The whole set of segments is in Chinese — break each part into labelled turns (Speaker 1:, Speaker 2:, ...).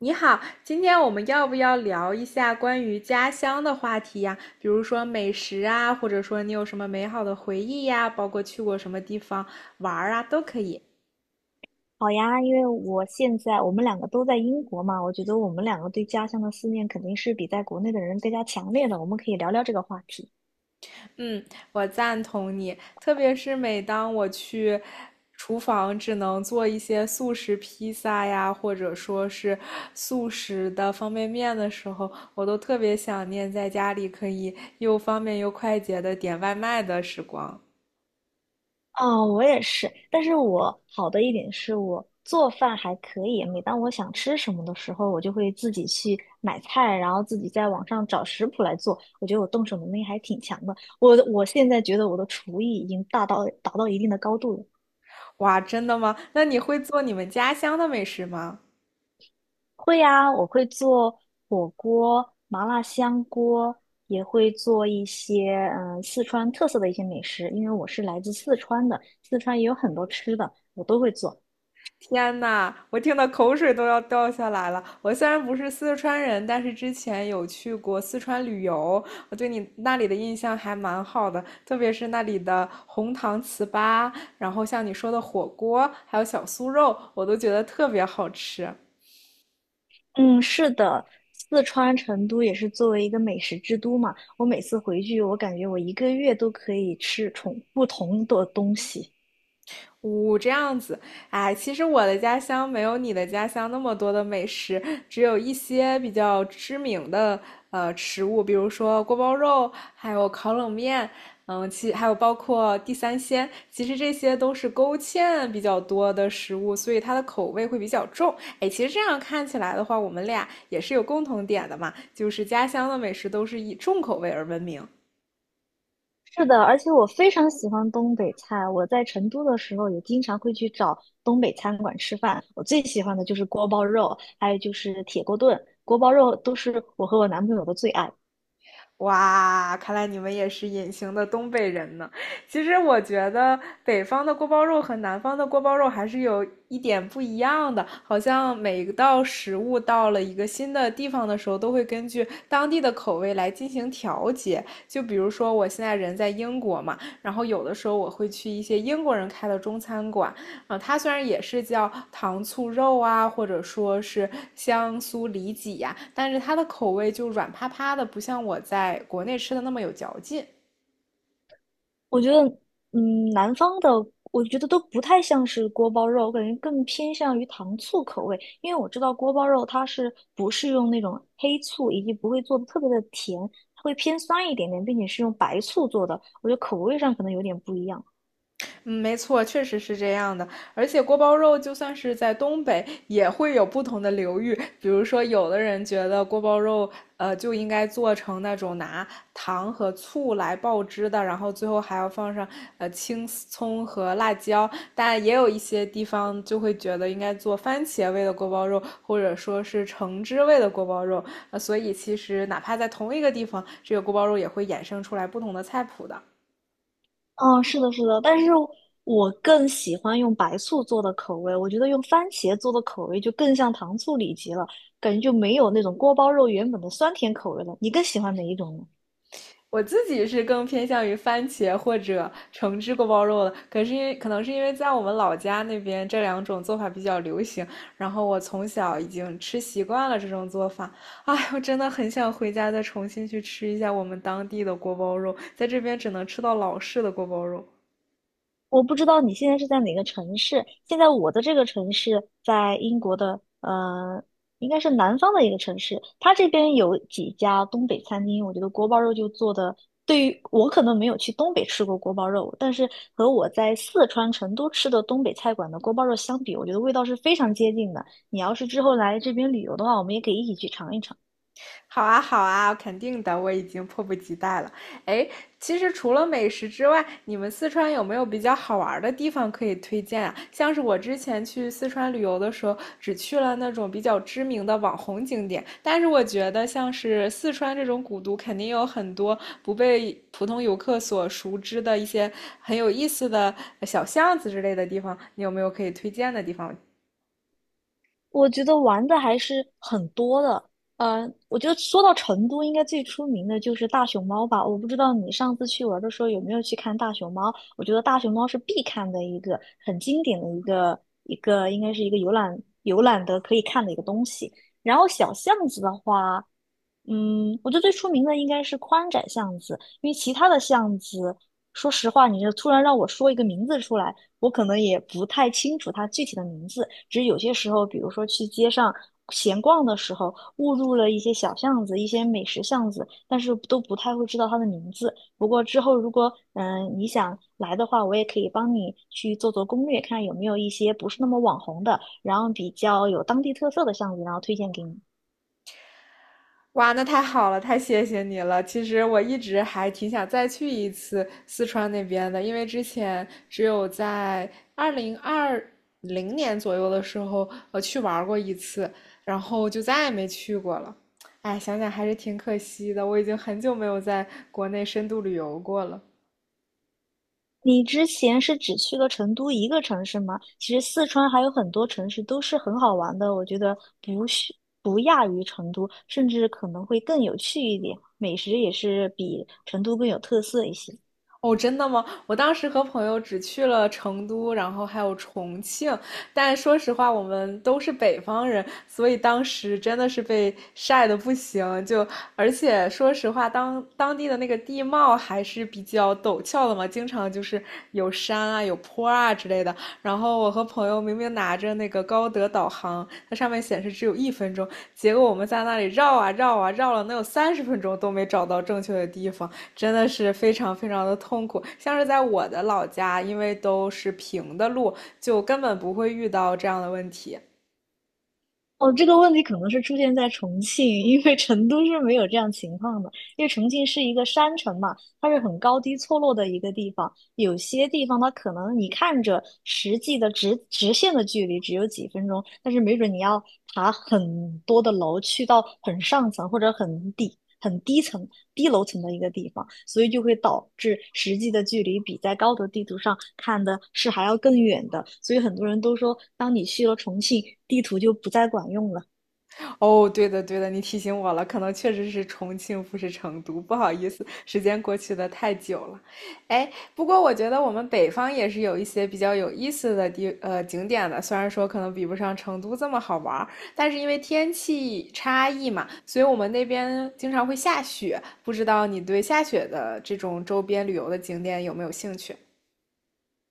Speaker 1: 你好，今天我们要不要聊一下关于家乡的话题呀？比如说美食啊，或者说你有什么美好的回忆呀，包括去过什么地方玩儿啊，都可以。
Speaker 2: 好呀，因为我现在我们两个都在英国嘛，我觉得我们两个对家乡的思念肯定是比在国内的人更加强烈的。我们可以聊聊这个话题。
Speaker 1: 嗯，我赞同你，特别是每当我去厨房只能做一些速食披萨呀，或者说是速食的方便面的时候，我都特别想念在家里可以又方便又快捷的点外卖的时光。
Speaker 2: 哦，我也是，但是我好的一点是我做饭还可以。每当我想吃什么的时候，我就会自己去买菜，然后自己在网上找食谱来做。我觉得我动手能力还挺强的。我现在觉得我的厨艺已经达到一定的高度了。
Speaker 1: 哇，真的吗？那你会做你们家乡的美食吗？
Speaker 2: 会呀，我会做火锅、麻辣香锅，也会做一些四川特色的一些美食，因为我是来自四川的，四川也有很多吃的，我都会做。
Speaker 1: 天呐，我听的口水都要掉下来了。我虽然不是四川人，但是之前有去过四川旅游，我对你那里的印象还蛮好的，特别是那里的红糖糍粑，然后像你说的火锅，还有小酥肉，我都觉得特别好吃。
Speaker 2: 嗯，是的，四川成都也是作为一个美食之都嘛，我每次回去，我感觉我一个月都可以吃重不同的东西。
Speaker 1: 呜，这样子，哎，其实我的家乡没有你的家乡那么多的美食，只有一些比较知名的食物，比如说锅包肉，还有烤冷面，嗯，还有包括地三鲜，其实这些都是勾芡比较多的食物，所以它的口味会比较重。哎，其实这样看起来的话，我们俩也是有共同点的嘛，就是家乡的美食都是以重口味而闻名。
Speaker 2: 是的，而且我非常喜欢东北菜。我在成都的时候也经常会去找东北餐馆吃饭。我最喜欢的就是锅包肉，还有就是铁锅炖。锅包肉都是我和我男朋友的最爱。
Speaker 1: 哇，看来你们也是隐形的东北人呢。其实我觉得北方的锅包肉和南方的锅包肉还是有一点不一样的，好像每一道食物到了一个新的地方的时候，都会根据当地的口味来进行调节。就比如说我现在人在英国嘛，然后有的时候我会去一些英国人开的中餐馆，啊，它虽然也是叫糖醋肉啊，或者说是香酥里脊呀、但是它的口味就软趴趴的，不像我在国内吃的那么有嚼劲。
Speaker 2: 我觉得，嗯，南方的我觉得都不太像是锅包肉，我感觉更偏向于糖醋口味。因为我知道锅包肉它是不是用那种黑醋，以及不会做的特别的甜，它会偏酸一点点，并且是用白醋做的。我觉得口味上可能有点不一样。
Speaker 1: 嗯，没错，确实是这样的。而且锅包肉就算是在东北，也会有不同的流域。比如说，有的人觉得锅包肉，就应该做成那种拿糖和醋来爆汁的，然后最后还要放上青葱和辣椒。但也有一些地方就会觉得应该做番茄味的锅包肉，或者说是橙汁味的锅包肉。所以其实哪怕在同一个地方，这个锅包肉也会衍生出来不同的菜谱的。
Speaker 2: 嗯，是的，是的，但是我更喜欢用白醋做的口味，我觉得用番茄做的口味就更像糖醋里脊了，感觉就没有那种锅包肉原本的酸甜口味了。你更喜欢哪一种呢？
Speaker 1: 我自己是更偏向于番茄或者橙汁锅包肉的，可是可能是因为在我们老家那边这两种做法比较流行，然后我从小已经吃习惯了这种做法。哎，我真的很想回家再重新去吃一下我们当地的锅包肉，在这边只能吃到老式的锅包肉。
Speaker 2: 我不知道你现在是在哪个城市。现在我的这个城市在英国的，应该是南方的一个城市。它这边有几家东北餐厅，我觉得锅包肉就做的。对于我可能没有去东北吃过锅包肉，但是和我在四川成都吃的东北菜馆的锅包肉相比，我觉得味道是非常接近的。你要是之后来这边旅游的话，我们也可以一起去尝一尝。
Speaker 1: 好啊，好啊，肯定的，我已经迫不及待了。哎，其实除了美食之外，你们四川有没有比较好玩儿的地方可以推荐啊？像是我之前去四川旅游的时候，只去了那种比较知名的网红景点，但是我觉得像是四川这种古都，肯定有很多不被普通游客所熟知的一些很有意思的小巷子之类的地方，你有没有可以推荐的地方？
Speaker 2: 我觉得玩的还是很多的。我觉得说到成都，应该最出名的就是大熊猫吧。我不知道你上次去玩的时候有没有去看大熊猫？我觉得大熊猫是必看的很经典的一个，应该是一个游览的可以看的一个东西。然后小巷子的话，嗯，我觉得最出名的应该是宽窄巷子，因为其他的巷子说实话，你就突然让我说一个名字出来，我可能也不太清楚它具体的名字。只是有些时候，比如说去街上闲逛的时候，误入了一些小巷子、一些美食巷子，但是都不太会知道它的名字。不过之后如果你想来的话，我也可以帮你去做做攻略，看有没有一些不是那么网红的，然后比较有当地特色的巷子，然后推荐给你。
Speaker 1: 哇，那太好了，太谢谢你了。其实我一直还挺想再去一次四川那边的，因为之前只有在2020年左右的时候，去玩过一次，然后就再也没去过了。哎，想想还是挺可惜的，我已经很久没有在国内深度旅游过了。
Speaker 2: 你之前是只去了成都一个城市吗？其实四川还有很多城市都是很好玩的，我觉得不亚于成都，甚至可能会更有趣一点，美食也是比成都更有特色一些。
Speaker 1: 哦，真的吗？我当时和朋友只去了成都，然后还有重庆，但说实话，我们都是北方人，所以当时真的是被晒得不行。而且说实话，当地的那个地貌还是比较陡峭的嘛，经常就是有山啊、有坡啊之类的。然后我和朋友明明拿着那个高德导航，它上面显示只有1分钟，结果我们在那里绕啊绕啊绕了能有30分钟都没找到正确的地方。真的是非常非常的痛苦。像是在我的老家，因为都是平的路，就根本不会遇到这样的问题。
Speaker 2: 哦，这个问题可能是出现在重庆，因为成都是没有这样情况的，因为重庆是一个山城嘛，它是很高低错落的一个地方，有些地方它可能你看着实际的直线的距离只有几分钟，但是没准你要爬很多的楼，去到很上层或者很低层、低楼层的一个地方，所以就会导致实际的距离比在高德地图上看的是还要更远的。所以很多人都说，当你去了重庆，地图就不再管用了。
Speaker 1: 哦，对的，对的，你提醒我了，可能确实是重庆，不是成都，不好意思，时间过去的太久了。哎，不过我觉得我们北方也是有一些比较有意思的景点的，虽然说可能比不上成都这么好玩儿，但是因为天气差异嘛，所以我们那边经常会下雪。不知道你对下雪的这种周边旅游的景点有没有兴趣？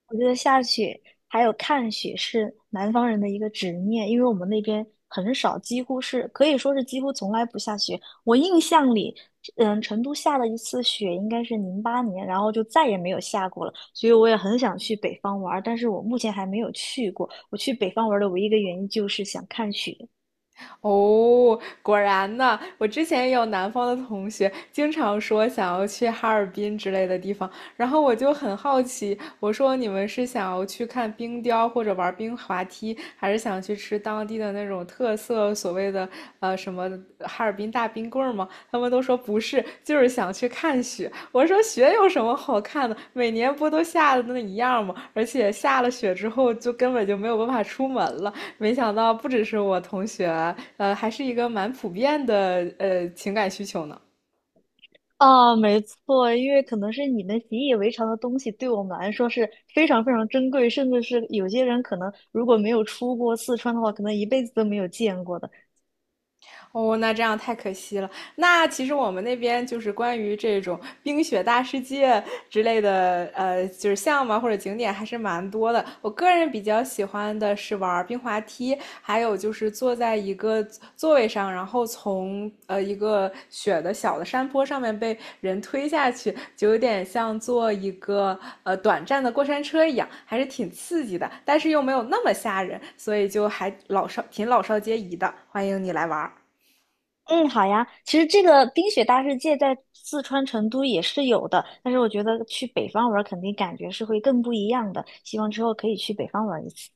Speaker 2: 我觉得下雪还有看雪是南方人的一个执念，因为我们那边很少，几乎是可以说是几乎从来不下雪。我印象里，嗯，成都下了一次雪，应该是08年，然后就再也没有下过了。所以我也很想去北方玩儿，但是我目前还没有去过。我去北方玩儿的唯一一个原因就是想看雪。
Speaker 1: 哦，果然呢，我之前也有南方的同学经常说想要去哈尔滨之类的地方，然后我就很好奇，我说你们是想要去看冰雕或者玩冰滑梯，还是想去吃当地的那种特色所谓的什么哈尔滨大冰棍儿吗？他们都说不是，就是想去看雪。我说雪有什么好看的？每年不都下的那一样吗？而且下了雪之后就根本就没有办法出门了。没想到不只是我同学，还是一个蛮普遍的情感需求呢。
Speaker 2: 啊，没错，因为可能是你们习以为常的东西，对我们来说是非常非常珍贵，甚至是有些人可能如果没有出过四川的话，可能一辈子都没有见过的。
Speaker 1: 哦，那这样太可惜了。那其实我们那边就是关于这种冰雪大世界之类的，就是项目啊或者景点还是蛮多的。我个人比较喜欢的是玩冰滑梯，还有就是坐在一个座位上，然后从一个雪的小的山坡上面被人推下去，就有点像坐一个短暂的过山车一样，还是挺刺激的，但是又没有那么吓人，所以就还老少皆宜的。欢迎你来玩。
Speaker 2: 嗯，好呀，其实这个冰雪大世界在四川成都也是有的，但是我觉得去北方玩儿肯定感觉是会更不一样的，希望之后可以去北方玩儿一次。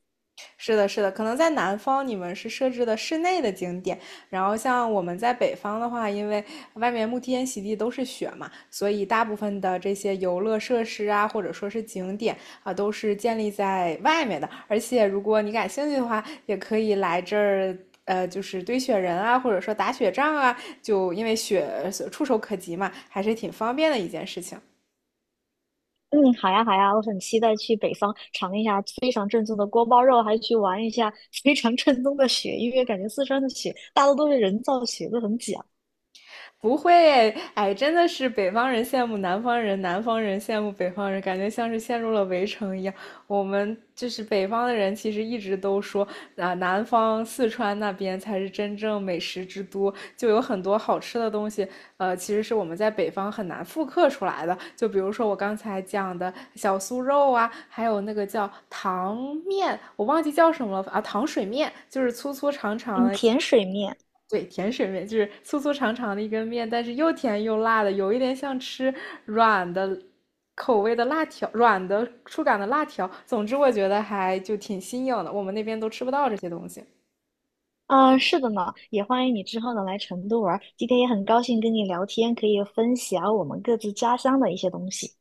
Speaker 1: 是的，是的，可能在南方你们是设置的室内的景点，然后像我们在北方的话，因为外面沐天席地都是雪嘛，所以大部分的这些游乐设施啊，或者说是景点啊，都是建立在外面的。而且如果你感兴趣的话，也可以来这儿。就是堆雪人啊，或者说打雪仗啊，就因为雪触手可及嘛，还是挺方便的一件事情。
Speaker 2: 嗯，好呀，好呀，我很期待去北方尝一下非常正宗的锅包肉，还去玩一下 非常正宗的雪，因为感觉四川的雪大多都是人造雪，都很假。
Speaker 1: 不会，哎，真的是北方人羡慕南方人，南方人羡慕北方人，感觉像是陷入了围城一样。我们就是北方的人，其实一直都说啊，南方四川那边才是真正美食之都，就有很多好吃的东西，其实是我们在北方很难复刻出来的。就比如说我刚才讲的小酥肉啊，还有那个叫糖面，我忘记叫什么了啊，糖水面，就是粗粗长长
Speaker 2: 嗯，
Speaker 1: 的
Speaker 2: 甜水面，
Speaker 1: 对，甜水面就是粗粗长长的一根面，但是又甜又辣的，有一点像吃软的口味的辣条，软的触感的辣条。总之，我觉得还就挺新颖的，我们那边都吃不到这些东西。
Speaker 2: 啊，是的呢，也欢迎你之后呢来成都玩儿。今天也很高兴跟你聊天，可以分享我们各自家乡的一些东西。